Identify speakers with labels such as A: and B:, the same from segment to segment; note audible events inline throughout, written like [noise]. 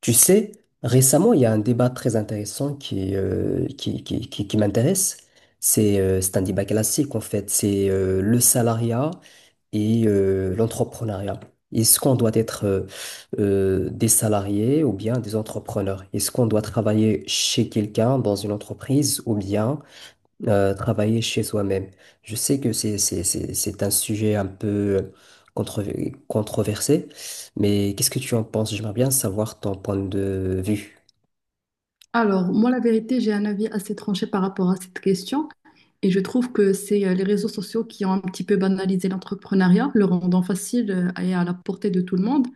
A: Tu sais, récemment, il y a un débat très intéressant qui m'intéresse. C'est un débat classique, en fait. C'est le salariat et l'entrepreneuriat. Est-ce qu'on doit être des salariés ou bien des entrepreneurs? Est-ce qu'on doit travailler chez quelqu'un dans une entreprise ou bien travailler chez soi-même. Je sais que c'est un sujet un peu controversé, mais qu'est-ce que tu en penses? J'aimerais bien savoir ton point de vue.
B: Alors, moi, la vérité, j'ai un avis assez tranché par rapport à cette question et je trouve que c'est les réseaux sociaux qui ont un petit peu banalisé l'entrepreneuriat, le rendant facile et à la portée de tout le monde,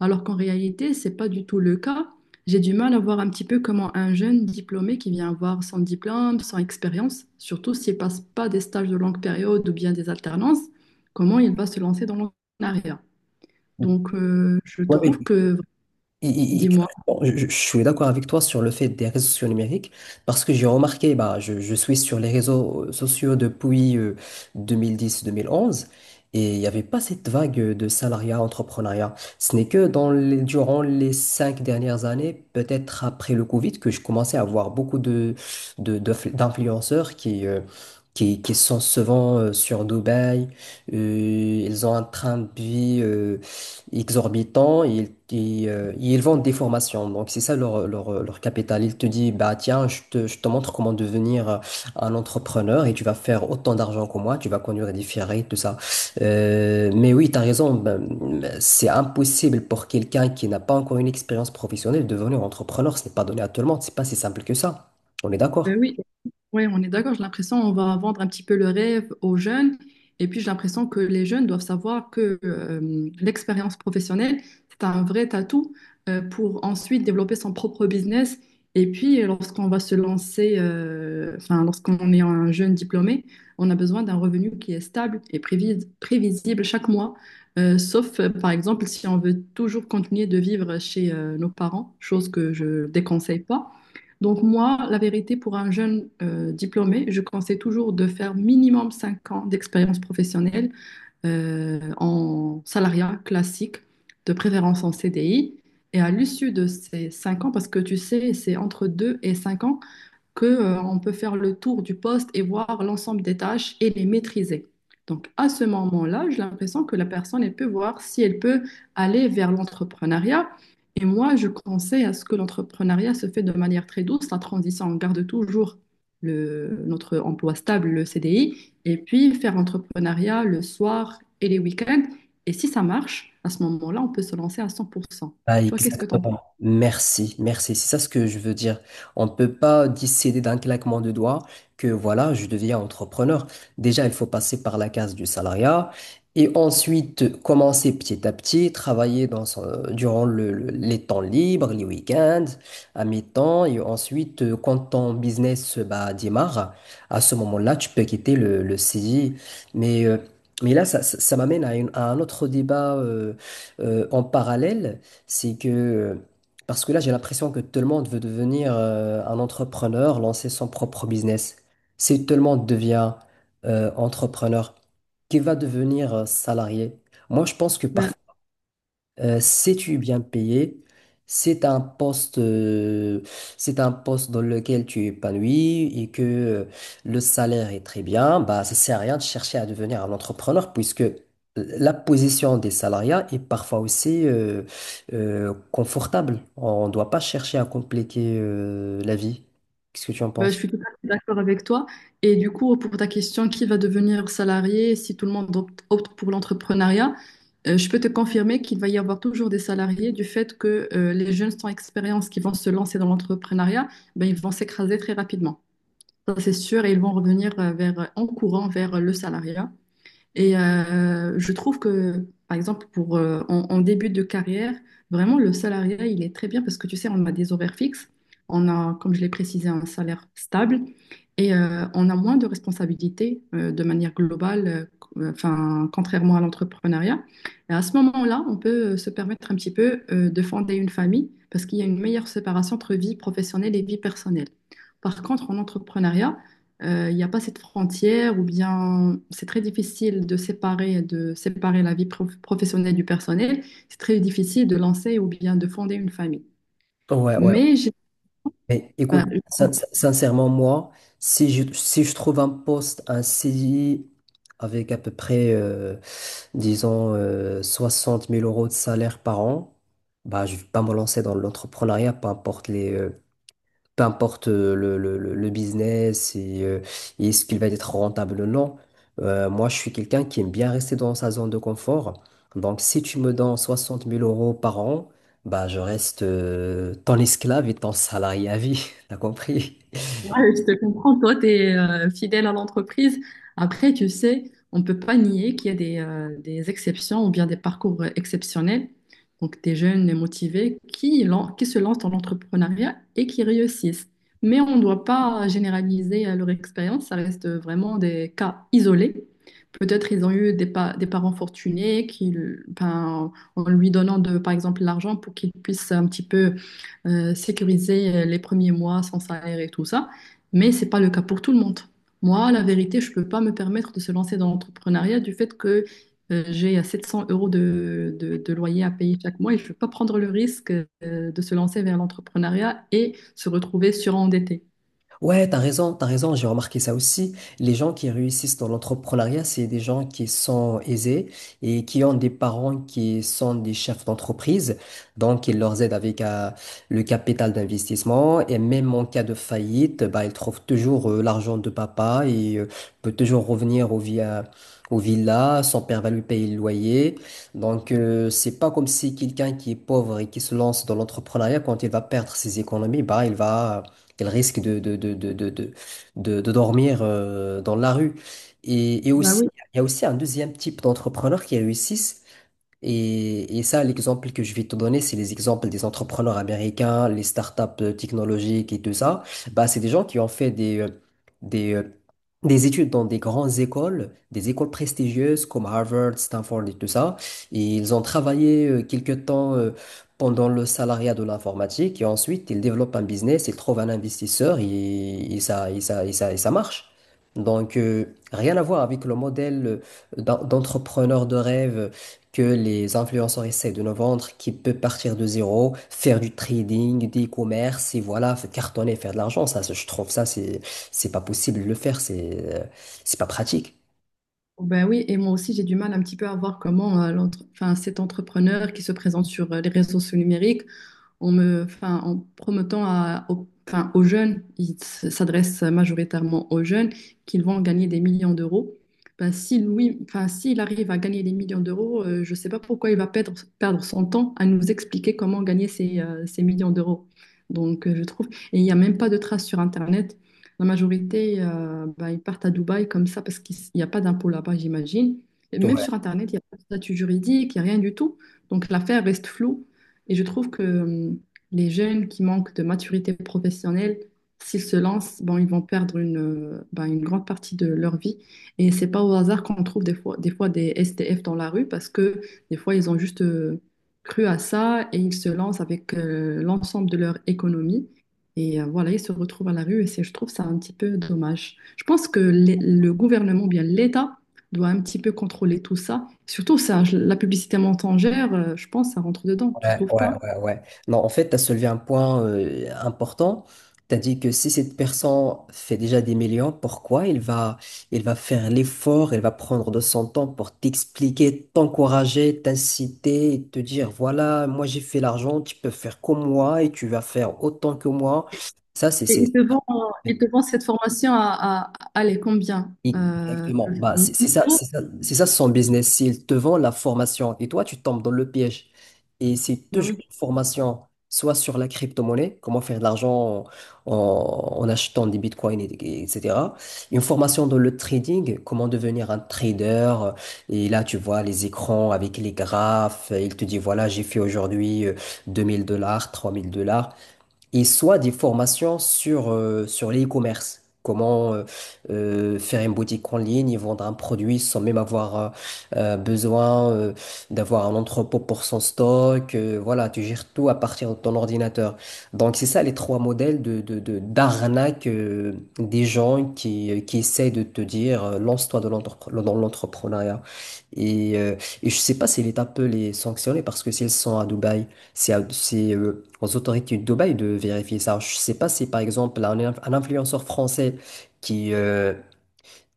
B: alors qu'en réalité, c'est pas du tout le cas. J'ai du mal à voir un petit peu comment un jeune diplômé qui vient avoir sans diplôme, sans expérience, surtout s'il passe pas des stages de longue période ou bien des alternances, comment il va se lancer dans l'entrepreneuriat. Donc, je trouve que,
A: Et
B: dis-moi.
A: clairement, suis d'accord avec toi sur le fait des réseaux sociaux numériques parce que j'ai remarqué, bah, je suis sur les réseaux sociaux depuis 2010-2011 et il n'y avait pas cette vague de salariat, entrepreneuriat. Ce n'est que durant les cinq dernières années, peut-être après le Covid, que je commençais à voir beaucoup d'influenceurs qui sont souvent sur Dubaï. Euh, ils ont un train de vie exorbitants. Ils vendent des formations. Donc, c'est ça leur capital. Ils te disent, bah, tiens, je te montre comment devenir un entrepreneur et tu vas faire autant d'argent que moi, tu vas conduire des Ferrari, tout ça. Mais oui, tu as raison, ben, c'est impossible pour quelqu'un qui n'a pas encore une expérience professionnelle de devenir entrepreneur. Ce n'est pas donné à tout le monde, c'est pas si simple que ça. On est
B: Ben
A: d'accord?
B: oui, oui, on est d'accord. J'ai l'impression qu'on va vendre un petit peu le rêve aux jeunes. Et puis, j'ai l'impression que les jeunes doivent savoir que l'expérience professionnelle, c'est un vrai atout pour ensuite développer son propre business. Et puis, lorsqu'on va se lancer, lorsqu'on est un jeune diplômé, on a besoin d'un revenu qui est stable et prévisible chaque mois. Sauf, par exemple, si on veut toujours continuer de vivre chez nos parents, chose que je déconseille pas. Donc moi, la vérité, pour un jeune diplômé, je conseille toujours de faire minimum 5 ans d'expérience professionnelle en salariat classique, de préférence en CDI. Et à l'issue de ces 5 ans, parce que tu sais, c'est entre 2 et 5 ans, que on peut faire le tour du poste et voir l'ensemble des tâches et les maîtriser. Donc, à ce moment-là, j'ai l'impression que la personne, elle peut voir si elle peut aller vers l'entrepreneuriat. Et moi, je conseille à ce que l'entrepreneuriat se fait de manière très douce, la transition. On garde toujours le, notre emploi stable, le CDI, et puis faire l'entrepreneuriat le soir et les week-ends. Et si ça marche, à ce moment-là, on peut se lancer à 100%.
A: Ah,
B: Toi, qu'est-ce que tu en penses?
A: exactement. Merci, merci. C'est ça ce que je veux dire. On ne peut pas décider d'un claquement de doigts que voilà, je deviens entrepreneur. Déjà, il faut passer par la case du salariat et ensuite commencer petit à petit, travailler dans son- durant le- les temps libres, les week-ends, à mi-temps. Et ensuite, quand ton business bah, démarre, à ce moment-là, tu peux quitter le CDI. Mais, euh, mais là, ça m'amène à un autre débat en parallèle, c'est que, parce que là, j'ai l'impression que tout le monde veut devenir un entrepreneur, lancer son propre business. Si tout le monde devient entrepreneur, qui va devenir salarié? Moi, je pense que parfois, sais-tu bien payé? C'est un poste, euh, c'est un poste dans lequel tu es épanoui et que le salaire est très bien. Bah, ça sert à rien de chercher à devenir un entrepreneur puisque la position des salariés est parfois aussi confortable. On ne doit pas chercher à compliquer la vie. Qu'est-ce que tu en
B: Bah, je
A: penses?
B: suis tout à fait d'accord avec toi. Et du coup, pour ta question, qui va devenir salarié si tout le monde opte pour l'entrepreneuriat, je peux te confirmer qu'il va y avoir toujours des salariés du fait que les jeunes sans expérience qui vont se lancer dans l'entrepreneuriat, ben, ils vont s'écraser très rapidement. Ça, c'est sûr, et ils vont revenir vers, en courant vers le salariat. Et je trouve que, par exemple, pour, en début de carrière, vraiment, le salariat, il est très bien parce que, tu sais, on a des horaires fixes, on a, comme je l'ai précisé, un salaire stable et on a moins de responsabilités de manière globale, contrairement à l'entrepreneuriat. Et à ce moment-là, on peut se permettre un petit peu de fonder une famille parce qu'il y a une meilleure séparation entre vie professionnelle et vie personnelle. Par contre, en entrepreneuriat, il n'y a pas cette frontière ou bien c'est très difficile de séparer la vie professionnelle du personnel. C'est très difficile de lancer ou bien de fonder une famille.
A: Ouais, ouais.
B: Mais j'ai-
A: Mais écoute,
B: enfin,
A: sincèrement, moi, si je trouve un poste, un CDI avec à peu près disons, 60 000 euros de salaire par an, bah, je ne vais pas me lancer dans l'entrepreneuriat, peu importe le business et est-ce qu'il va être rentable ou non. Moi, je suis quelqu'un qui aime bien rester dans sa zone de confort. Donc, si tu me donnes 60 000 euros par an, bah, je reste ton esclave et ton salarié à vie. [laughs] T'as compris?
B: Ouais, je te comprends, toi, tu es fidèle à l'entreprise. Après, tu sais, on ne peut pas nier qu'il y a des exceptions ou bien des parcours exceptionnels. Donc, des jeunes et motivés qui se lancent dans l'entrepreneuriat et qui réussissent. Mais on ne doit pas généraliser leur expérience, ça reste vraiment des cas isolés. Peut-être ils ont eu des, des parents fortunés qui, ben, en lui donnant de, par exemple, l'argent pour qu'ils puissent un petit peu sécuriser les premiers mois sans salaire et tout ça, mais c'est pas le cas pour tout le monde. Moi, la vérité, je peux pas me permettre de se lancer dans l'entrepreneuriat du fait que j'ai 700 euros de loyer à payer chaque mois et je ne veux pas prendre le risque de se lancer vers l'entrepreneuriat et se retrouver surendetté.
A: Ouais, t'as raison, j'ai remarqué ça aussi. Les gens qui réussissent dans l'entrepreneuriat, c'est des gens qui sont aisés et qui ont des parents qui sont des chefs d'entreprise. Donc, ils leur aident avec le capital d'investissement et même en cas de faillite, bah, ils trouvent toujours l'argent de papa et peut toujours revenir Au villa, son père va lui payer le loyer. Donc, c'est pas comme si quelqu'un qui est pauvre et qui se lance dans l'entrepreneuriat, quand il va perdre ses économies, bah, qu'elle risque de dormir dans la rue. Et
B: Bah
A: aussi,
B: oui.
A: il y a aussi un deuxième type d'entrepreneurs qui réussissent, et ça, l'exemple que je vais te donner, c'est les exemples des entrepreneurs américains, les startups technologiques et tout ça. Bah, c'est des gens qui ont fait des, euh, des études dans des grandes écoles, des écoles prestigieuses comme Harvard, Stanford et tout ça. Et ils ont travaillé quelque temps pendant le salariat de l'informatique et ensuite ils développent un business, ils trouvent un investisseur et ça marche. Donc, rien à voir avec le modèle d'entrepreneur de rêve que les influenceurs essaient de nous vendre, qui peut partir de zéro, faire du trading, des commerces, et voilà, faire cartonner, faire de l'argent. Ça, je trouve ça, c'est pas possible de le faire, c'est pas pratique.
B: Bah oui, et moi aussi j'ai du mal un petit peu à voir comment cet entrepreneur qui se présente sur les réseaux sociaux numériques, en promettant aux jeunes, ils s'adressent majoritairement aux jeunes, qu'ils vont gagner des millions d'euros. Ben, si Louis, enfin, s'il arrive à gagner des millions d'euros, je ne sais pas pourquoi il va perdre son temps à nous expliquer comment gagner ces, ces millions d'euros. Donc, je trouve, et il n'y a même pas de traces sur Internet. La majorité, ben, ils partent à Dubaï comme ça parce qu'il n'y a pas d'impôt là-bas, j'imagine. Et même sur Internet, il n'y a pas de statut juridique, il n'y a rien du tout. Donc l'affaire reste floue. Et je trouve que les jeunes qui manquent de maturité professionnelle, s'ils se lancent, bon, ils vont perdre ben, une grande partie de leur vie. Et c'est pas au hasard qu'on trouve des fois, des fois des SDF dans la rue parce que des fois, ils ont juste cru à ça et ils se lancent avec l'ensemble de leur économie. Et voilà, ils se retrouvent à la rue et c'est, je trouve ça un petit peu dommage. Je pense que le gouvernement, ou bien l'État, doit un petit peu contrôler tout ça. Surtout ça, la publicité mensongère, je pense, ça rentre dedans, tu
A: Ouais,
B: trouves
A: ouais,
B: pas?
A: ouais, ouais. Non, en fait, tu as soulevé un point important. Tu as dit que si cette personne fait déjà des millions, pourquoi il va faire l'effort, il va prendre de son temps pour t'expliquer, t'encourager, t'inciter, et te dire, voilà, moi j'ai fait l'argent, tu peux faire comme moi et tu vas faire autant que moi.
B: Et
A: Ça, c'est,
B: et
A: c'est...
B: ils te vendent cette formation à, allez, combien?
A: Exactement. Bah,
B: 1000
A: c'est c'est ça,
B: euros
A: c'est ça, c'est ça son business. S'il te vend la formation et toi, tu tombes dans le piège. Et c'est
B: Bah
A: toujours
B: oui.
A: une formation, soit sur la crypto-monnaie, comment faire de l'argent achetant des bitcoins, etc. Une formation dans le trading, comment devenir un trader. Et là, tu vois les écrans avec les graphes. Il te dit, voilà, j'ai fait aujourd'hui 2000 dollars, 3 000 $ et soit des formations sur l'e-commerce. Comment faire une boutique en ligne et vendre un produit sans même avoir besoin d'avoir un entrepôt pour son stock. Voilà, tu gères tout à partir de ton ordinateur. Donc, c'est ça les trois modèles d'arnaque des gens qui essaient de te dire lance-toi dans l'entrepreneuriat. Et, euh, et je sais pas si l'État peut les sanctionner parce que s'ils sont à Dubaï, aux autorités de Dubaï de vérifier ça. Je ne sais pas si, par exemple, un influenceur français qui, euh,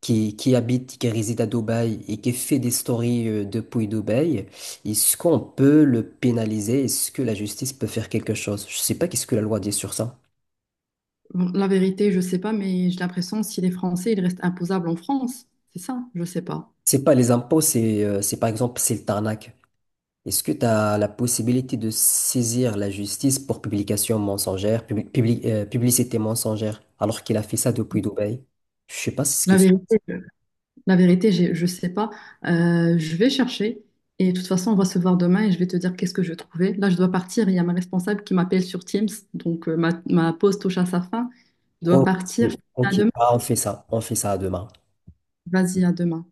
A: qui habite, qui réside à Dubaï et qui fait des stories depuis Dubaï, est-ce qu'on peut le pénaliser? Est-ce que la justice peut faire quelque chose? Je ne sais pas qu'est-ce que la loi dit sur ça.
B: Bon, la vérité, je sais pas, mais j'ai l'impression si les Français, ils restent imposables en France. C'est ça, je sais pas.
A: C'est pas les impôts, c'est par exemple, c'est le tarnac. Est-ce que tu as la possibilité de saisir la justice pour publication mensongère, publicité mensongère, alors qu'il a fait ça depuis Dubaï? Je sais pas si c'est ce que
B: La
A: c'est.
B: vérité. Je sais pas. Je vais chercher et de toute façon, on va se voir demain et je vais te dire qu'est-ce que je trouvais. Là, je dois partir. Il y a ma responsable qui m'appelle sur Teams. Donc, ma pause touche à sa fin. Je dois
A: Ok,
B: partir. À
A: ok,
B: demain.
A: ah, on fait ça demain.
B: Vas-y, à demain.